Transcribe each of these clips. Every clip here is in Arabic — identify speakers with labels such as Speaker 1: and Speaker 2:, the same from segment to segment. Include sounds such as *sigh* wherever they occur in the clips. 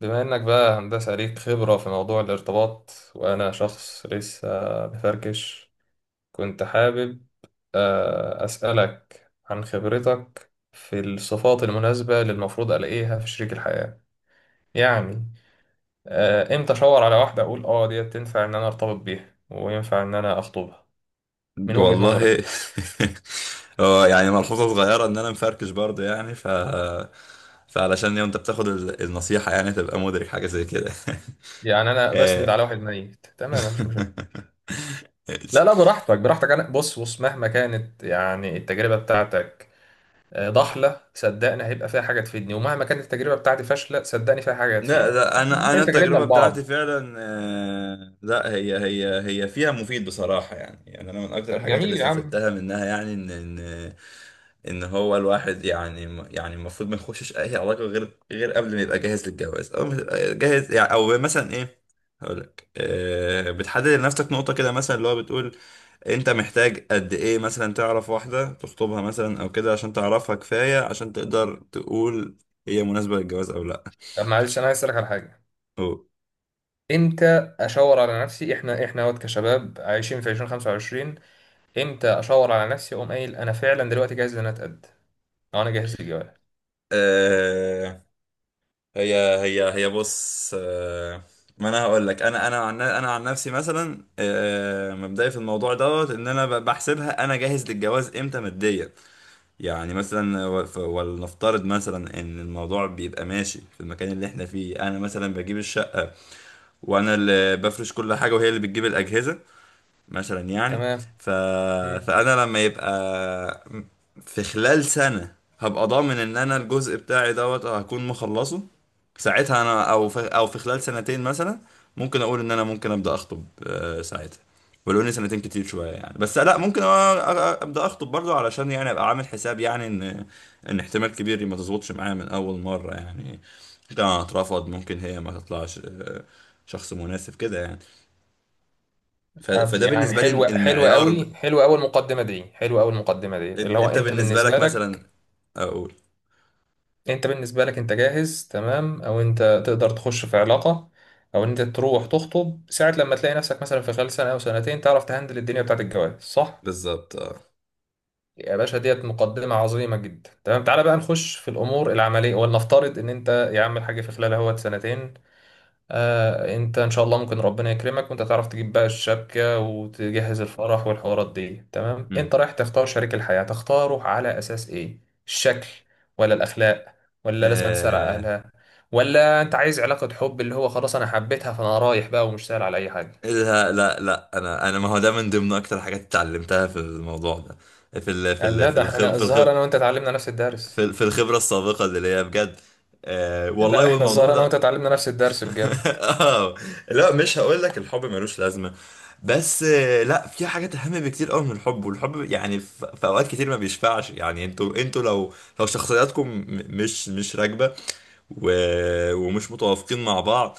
Speaker 1: بما انك بقى هندسة ليك خبرة في موضوع الارتباط وانا شخص لسه بفركش. كنت حابب اسألك عن خبرتك في الصفات المناسبة اللي المفروض الاقيها في شريك الحياة. يعني امتى اشاور على واحدة اقول اه ديت تنفع ان انا ارتبط بيها وينفع ان انا اخطبها؟ من وجهة نظرك.
Speaker 2: والله، *laughs* هو يعني ملحوظة صغيرة ان انا مفركش برضه يعني، فعلشان لو انت بتاخد النصيحة يعني تبقى مدرك حاجة زي كده.
Speaker 1: يعني انا
Speaker 2: *laughs*
Speaker 1: بسند
Speaker 2: آه.
Speaker 1: على واحد ميت، تمام، مفيش مشاكل.
Speaker 2: *laughs*
Speaker 1: لا لا، براحتك براحتك. انا بص، مهما كانت يعني التجربة بتاعتك ضحله، صدقني هيبقى فيها حاجه تفيدني، ومهما كانت التجربه بتاعتي فاشله، صدقني فيها حاجه
Speaker 2: لا،
Speaker 1: هتفيدك،
Speaker 2: لا،
Speaker 1: فاحنا
Speaker 2: انا
Speaker 1: بننقل تجاربنا
Speaker 2: التجربة بتاعتي
Speaker 1: لبعض.
Speaker 2: فعلا، لا، هي فيها مفيد بصراحة. يعني انا من اكتر
Speaker 1: طب
Speaker 2: الحاجات اللي
Speaker 1: جميل يا عم.
Speaker 2: استفدتها منها يعني ان هو الواحد يعني. يعني المفروض ما يخشش اي علاقه غير قبل ما يبقى جاهز للجواز، او جاهز يعني، او مثلا ايه؟ هقول لك، بتحدد لنفسك نقطه كده، مثلا اللي هو بتقول انت محتاج قد ايه، مثلا تعرف واحده تخطبها، مثلا او كده عشان تعرفها كفايه عشان تقدر تقول هي مناسبه للجواز او لا.
Speaker 1: طب معلش انا عايز اسالك على حاجه،
Speaker 2: أو.
Speaker 1: امتى اشاور على نفسي؟ احنا وقت كشباب عايشين في 2025، امتى اشاور على نفسي اقوم قايل انا فعلا دلوقتي جاهز ان انا اتقد، او انا جاهز للجواز؟
Speaker 2: آه، هي هي بص. ما انا هقول لك، انا عن نفسي مثلا، مبدئي في الموضوع دوت ان انا بحسبها انا جاهز للجواز امتى ماديا. يعني مثلا، ولنفترض مثلا ان الموضوع بيبقى ماشي في المكان اللي احنا فيه، انا مثلا بجيب الشقة وانا اللي بفرش كل حاجة وهي اللي بتجيب الاجهزة مثلا يعني.
Speaker 1: تمام.
Speaker 2: ف...
Speaker 1: مم.
Speaker 2: فانا لما يبقى في خلال سنة هبقى ضامن ان انا الجزء بتاعي دوت هكون مخلصه ساعتها، انا او في خلال سنتين مثلا ممكن اقول ان انا ممكن ابدا اخطب ساعتها. ولو ان سنتين كتير شويه يعني، بس لا ممكن ابدا اخطب برضو، علشان يعني ابقى عامل حساب يعني ان احتمال كبير ما تظبطش معايا من اول مره يعني. ممكن انا اترفض، ممكن هي ما تطلعش شخص مناسب كده يعني.
Speaker 1: طب
Speaker 2: فده
Speaker 1: يعني
Speaker 2: بالنسبه لي
Speaker 1: حلوه، حلوه
Speaker 2: المعيار.
Speaker 1: قوي، حلوه اول مقدمه دي، حلوه اول مقدمه ديت، اللي هو
Speaker 2: انت
Speaker 1: انت
Speaker 2: بالنسبة لك
Speaker 1: بالنسبه لك،
Speaker 2: مثلا. اقول
Speaker 1: انت بالنسبة لك انت جاهز تمام، او انت تقدر تخش في علاقة او ان انت تروح تخطب ساعة لما تلاقي نفسك مثلا في خلال سنة او سنتين تعرف تهندل الدنيا بتاعت الجواز، صح؟
Speaker 2: بالظبط، اه.
Speaker 1: يا باشا ديت مقدمة عظيمة جدا. تمام، تعالى بقى نخش في الامور العملية. ولنفترض ان انت يا عم الحاج في خلال اهوت سنتين، آه انت ان شاء الله ممكن ربنا يكرمك وانت تعرف تجيب بقى الشبكة وتجهز الفرح والحوارات دي. تمام،
Speaker 2: مم.
Speaker 1: انت رايح تختار شريك الحياة، تختاره على اساس ايه؟ الشكل؟ ولا الاخلاق؟ ولا لازم تسأل على
Speaker 2: آه،
Speaker 1: اهلها؟ ولا انت عايز علاقة حب اللي هو خلاص انا حبيتها فانا رايح بقى ومش سأل على اي حاجة؟
Speaker 2: لا، لا، لا، انا ما هو ده من ضمن اكتر حاجات اتعلمتها في الموضوع ده. في ال في
Speaker 1: قال
Speaker 2: ال
Speaker 1: لا،
Speaker 2: في
Speaker 1: ده
Speaker 2: الخب
Speaker 1: احنا
Speaker 2: في الخب
Speaker 1: الظاهر انا وانت اتعلمنا نفس الدرس.
Speaker 2: في الخبرة السابقة اللي هي بجد. والله،
Speaker 1: لا احنا
Speaker 2: والموضوع
Speaker 1: الظاهر انا وانت
Speaker 2: ده.
Speaker 1: اتعلمنا نفس الدرس
Speaker 2: *laughs*
Speaker 1: بجد.
Speaker 2: اه، لا، مش هقول لك الحب ملوش لازمة. بس لا، في حاجات اهم بكتير قوي من الحب. والحب يعني في اوقات كتير ما بيشفعش يعني. انتوا لو شخصياتكم مش راكبة، و... ومش متوافقين مع بعض،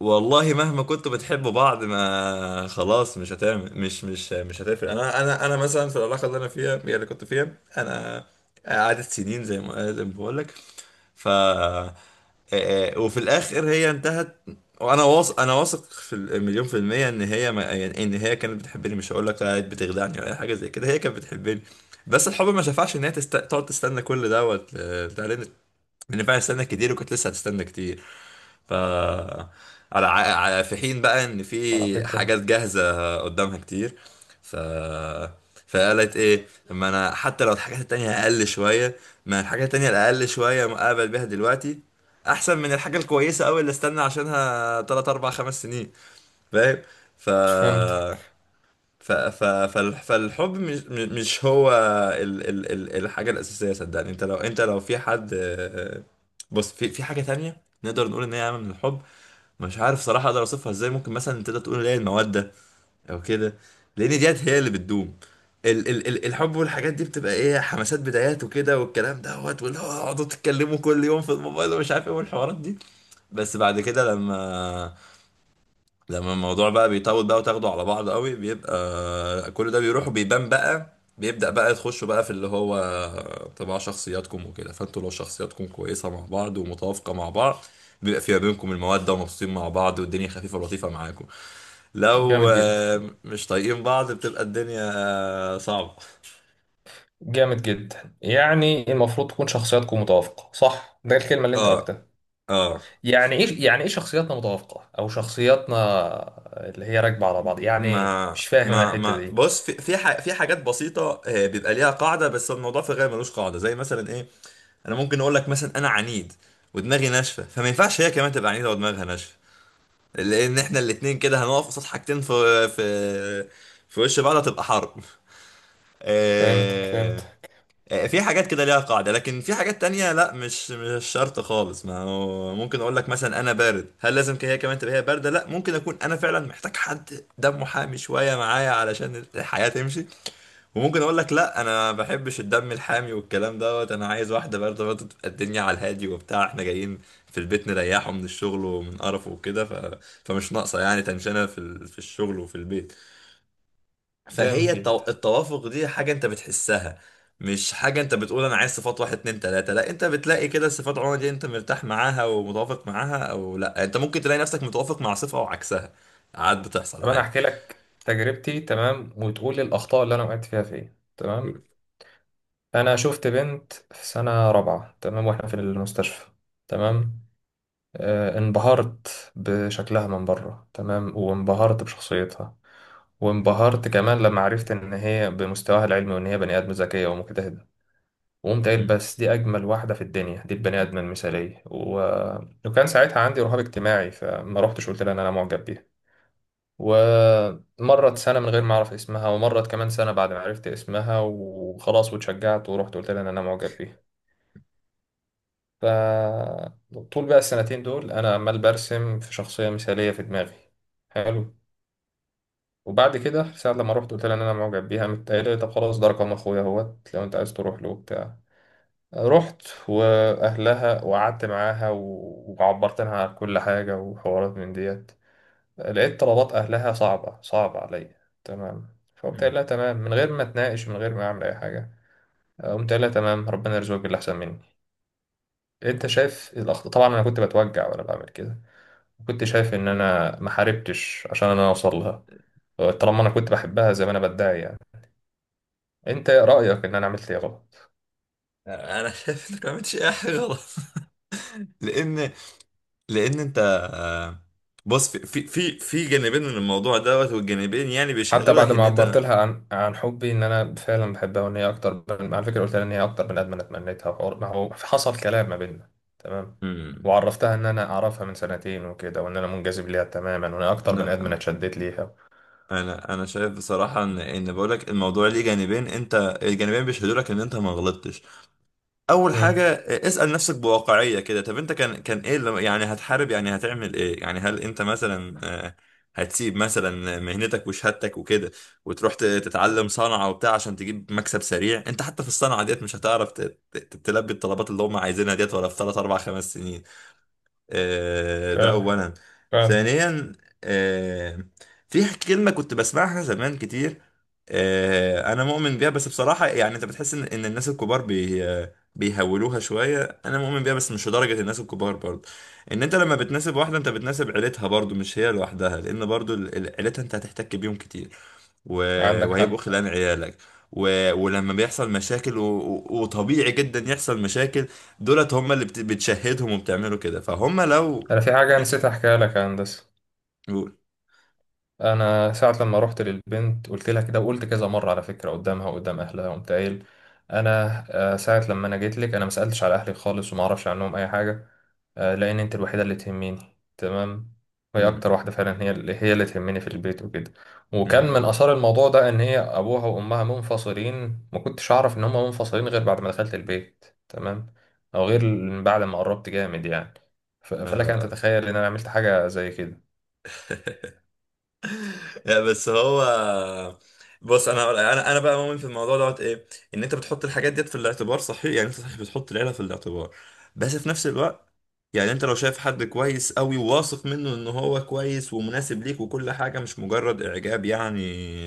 Speaker 2: والله مهما كنتوا بتحبوا بعض ما خلاص. مش هتفرق. انا مثلا في العلاقه اللي انا فيها، هي اللي كنت فيها. انا قعدت سنين زي ما بقول لك. ف آه، وفي الاخر هي انتهت. وانا واثق انا واثق في المليون في المية، ان هي ما يعني ان هي كانت بتحبني. مش هقول لك كانت بتخدعني ولا اي حاجة زي كده، هي كانت بتحبني. بس الحب ما شفعش ان هي تقعد تستنى كل دوت بتاع، لأن فعلا استنى كتير وكنت لسه هتستنى كتير، ف على في حين بقى ان
Speaker 1: على
Speaker 2: في حاجات
Speaker 1: فكرة.
Speaker 2: جاهزه قدامها كتير. ف فقالت ايه، اما انا حتى لو الحاجات التانية اقل شويه، ما الحاجات التانية الاقل شويه مقابل بيها دلوقتي احسن من الحاجه الكويسه قوي اللي استنى عشانها 3 4 5 سنين. فاهم؟ ف
Speaker 1: فهمتك.
Speaker 2: فالحب مش هو ال ال ال الحاجة الأساسية. صدقني انت لو، في حد، بص، في حاجة تانية نقدر نقول ان هي عامة من الحب. مش عارف صراحة اقدر اوصفها ازاي، ممكن مثلا تقدر تقول اللي هي المودة او كده، لان ديت هي اللي بتدوم. ال ال ال الحب والحاجات دي بتبقى ايه حماسات بدايات وكده والكلام دوت، واللي هو اقعدوا تتكلموا كل يوم في الموبايل ومش عارف ايه والحوارات دي. بس بعد كده، لما الموضوع بقى بيطول بقى وتاخده على بعض قوي بيبقى كل ده بيروح وبيبان بقى. بيبدأ بقى تخشوا بقى في اللي هو طباع شخصياتكم وكده. فانتوا لو شخصياتكم كويسة مع بعض ومتوافقة مع بعض، بيبقى في ما بينكم المودة، ومبسوطين مع بعض، والدنيا خفيفة لطيفة معاكم. لو
Speaker 1: جامد جدا.
Speaker 2: مش طايقين بعض، بتبقى الدنيا صعبة.
Speaker 1: جامد جدا، يعني المفروض تكون شخصياتكم متوافقة، صح؟ ده الكلمة اللي انت
Speaker 2: اه،
Speaker 1: قلتها.
Speaker 2: اه،
Speaker 1: يعني ايه؟ يعني ايه شخصياتنا متوافقة او شخصياتنا اللي هي راكبة على بعض؟ يعني ايه؟
Speaker 2: ما
Speaker 1: مش فاهم انا
Speaker 2: ما
Speaker 1: الحتة
Speaker 2: ما
Speaker 1: دي.
Speaker 2: بص، في في حاجات بسيطة بيبقى ليها قاعدة. بس الموضوع في الغالب ملوش قاعدة، زي مثلا ايه؟ انا ممكن اقول لك مثلا انا عنيد ودماغي ناشفه، فما ينفعش هي كمان تبقى عنيده ودماغها ناشفه، لان احنا الاتنين كده هنقف قصاد حاجتين في وش بعض. هتبقى حرب.
Speaker 1: فهمتك
Speaker 2: آه،
Speaker 1: فهمتك.
Speaker 2: في حاجات كده ليها قاعده، لكن في حاجات تانية لا، مش شرط خالص. ما هو ممكن اقول لك مثلا انا بارد، هل لازم هي كمان تبقى هي بارده؟ لا، ممكن اكون انا فعلا محتاج حد دمه حامي شويه معايا علشان الحياه تمشي. وممكن اقول لك لا، انا ما بحبش الدم الحامي والكلام دوت، انا عايز واحده برضه برضه تبقى الدنيا على الهادي وبتاع. احنا جايين في البيت نريحه من الشغل ومن قرفه وكده، فمش ناقصه يعني تنشنه في الشغل وفي البيت. فهي
Speaker 1: جامد جدا.
Speaker 2: التوافق دي حاجه انت بتحسها، مش حاجه انت بتقول انا عايز صفات واحد، اتنين، تلاته، لا. انت بتلاقي كده صفات عموما دي، انت مرتاح معاها ومتوافق معاها او لا. انت ممكن تلاقي نفسك متوافق مع صفه وعكسها، عاد بتحصل
Speaker 1: طب انا
Speaker 2: عادي.
Speaker 1: احكي لك تجربتي تمام وتقول لي الاخطاء اللي انا وقعت فيها فين، تمام؟ انا شفت بنت في سنة رابعة، تمام، واحنا في المستشفى، تمام. آه انبهرت بشكلها من بره، تمام، وانبهرت بشخصيتها، وانبهرت كمان لما عرفت ان هي بمستواها العلمي وان هي بني ادم ذكيه ومجتهده، وقمت قايل
Speaker 2: مم.
Speaker 1: بس دي اجمل واحده في الدنيا، دي البني ادم المثاليه وكان ساعتها عندي رهاب اجتماعي، فما رحتش قلت لها ان انا معجب بيها. ومرت سنه من غير ما اعرف اسمها، ومرت كمان سنه بعد ما عرفت اسمها، وخلاص واتشجعت ورحت قلت لها ان انا معجب بيها. فطول بقى السنتين دول انا عمال برسم في شخصيه مثاليه في دماغي. حلو. وبعد كده ساعة لما رحت قلت لها ان انا معجب بيها، قامت قايله لي طب خلاص ده رقم اخويا اهوت لو انت عايز تروح له وبتاع. رحت واهلها وقعدت معاها وعبرت لها عن كل حاجه وحوارات من ديت. لقيت طلبات اهلها صعبه، صعبه عليا، تمام، فقمت قايل لها تمام، من غير ما اتناقش، من غير ما اعمل اي حاجه، قمت قايل لها تمام ربنا يرزقك باللي احسن مني. انت شايف الاخطاء؟ طبعا انا كنت بتوجع وانا بعمل كده، كنت شايف ان
Speaker 2: مم.
Speaker 1: انا ما حاربتش عشان انا اوصل لها، طالما انا كنت بحبها زي ما انا بدعي يعني. انت ايه رأيك، ان انا عملت ايه غلط؟
Speaker 2: انا شايف انك ما عملتش اي حاجه غلط. *laughs* لان، انت. آه، بص، في جانبين من الموضوع دوت، والجانبين يعني
Speaker 1: حتى
Speaker 2: بيشهدوا لك
Speaker 1: بعد
Speaker 2: ان
Speaker 1: ما عبرت
Speaker 2: انت.
Speaker 1: لها عن حبي ان انا فعلا بحبها، وان هي اكتر على فكرة قلت لها ان هي اكتر بني ادم انا اتمنيتها، ما هو حصل كلام ما بيننا، تمام،
Speaker 2: مم.
Speaker 1: وعرفتها ان انا اعرفها من سنتين وكده، وان انا منجذب ليها تماما، وان هي اكتر بني ادم انا
Speaker 2: لا،
Speaker 1: اتشدت ليها.
Speaker 2: انا شايف بصراحه، ان ان بقول لك الموضوع ليه جانبين. انت الجانبين بيشهدوا لك ان انت ما غلطتش. اول حاجه،
Speaker 1: امم.
Speaker 2: اسال نفسك بواقعيه كده. طب انت كان ايه اللي يعني هتحارب يعني هتعمل ايه يعني؟ هل انت مثلا هتسيب مثلا مهنتك وشهادتك وكده، وتروح تتعلم صنعه وبتاع عشان تجيب مكسب سريع؟ انت حتى في الصنعه ديت مش هتعرف تلبي الطلبات اللي هم عايزينها ديت ولا في 3 4 5 سنين؟ ده
Speaker 1: فعلا
Speaker 2: اولا.
Speaker 1: فعلا.
Speaker 2: ثانيا، آه، في كلمه كنت بسمعها زمان كتير، انا مؤمن بيها. بس بصراحه يعني انت بتحس ان الناس الكبار بيهولوها شويه. انا مؤمن بيها بس مش لدرجه الناس الكبار برضه. ان انت لما بتناسب واحده، انت بتناسب عيلتها برضه، مش هي لوحدها. لان برضه عيلتها انت هتحتك بيهم كتير،
Speaker 1: عندك
Speaker 2: وهيبقوا
Speaker 1: حق.
Speaker 2: خلان عيالك. ولما بيحصل مشاكل، وطبيعي جدا يحصل مشاكل، دولت هم اللي بتشهدهم وبتعملوا كده. فهم لو،
Speaker 1: انا في حاجة
Speaker 2: يعني،
Speaker 1: نسيت احكيها لك يا هندسة.
Speaker 2: قول.
Speaker 1: انا ساعه لما رحت للبنت قلت لها كده، وقلت كذا مره على فكره قدامها وقدام اهلها، قمت قايل انا ساعه لما انا جيت لك انا ما سالتش على اهلي خالص وما اعرفش عنهم اي حاجه، لان انت الوحيده اللي تهمني، تمام، وهي
Speaker 2: امم،
Speaker 1: اكتر واحده فعلا، هي اللي هي اللي تهمني في البيت وكده. وكان من
Speaker 2: امم،
Speaker 1: اثار الموضوع ده ان هي ابوها وامها منفصلين، ما كنتش اعرف ان هم منفصلين غير بعد ما دخلت البيت، تمام، او غير بعد ما قربت جامد يعني. فلك ان
Speaker 2: آه.
Speaker 1: تتخيل ان انا عملت حاجه زي كده.
Speaker 2: لا، بس هو، بص، انا بقى مؤمن في الموضوع دوت ايه. ان انت بتحط الحاجات ديت في الاعتبار، صحيح يعني انت صحيح بتحط العيله في الاعتبار، بس في نفس الوقت، يعني انت لو شايف حد كويس قوي وواثق منه ان هو كويس ومناسب ليك وكل حاجه، مش مجرد اعجاب يعني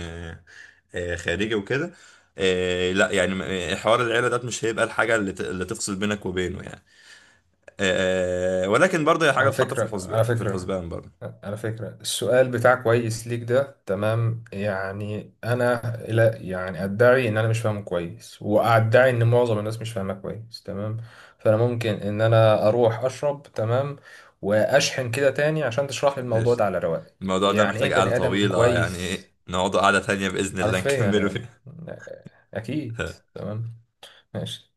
Speaker 2: آه، خارجي وكده. لا يعني، حوار العيله دوت مش هيبقى الحاجه اللي اللي تفصل بينك وبينه يعني. ولكن برضه هي حاجة
Speaker 1: على
Speaker 2: تحط في
Speaker 1: فكرة،
Speaker 2: الحسبان،
Speaker 1: على فكرة،
Speaker 2: برضه.
Speaker 1: على فكرة السؤال بتاع كويس ليك ده، تمام يعني، أنا لا يعني أدعي إن أنا مش فاهمه كويس، وأدعي إن معظم الناس مش فاهمه كويس، تمام، فأنا ممكن إن أنا أروح أشرب، تمام، وأشحن كده تاني عشان تشرح لي الموضوع
Speaker 2: ايش!
Speaker 1: ده على رواق.
Speaker 2: الموضوع ده
Speaker 1: يعني إيه
Speaker 2: محتاج قعدة
Speaker 1: بني آدم
Speaker 2: طويلة يعني،
Speaker 1: كويس؟
Speaker 2: إيه، نقعد قعدة تانية بإذن الله
Speaker 1: حرفيا
Speaker 2: نكمله
Speaker 1: يعني.
Speaker 2: فيها.
Speaker 1: أكيد.
Speaker 2: *laughs*
Speaker 1: تمام. ماشي.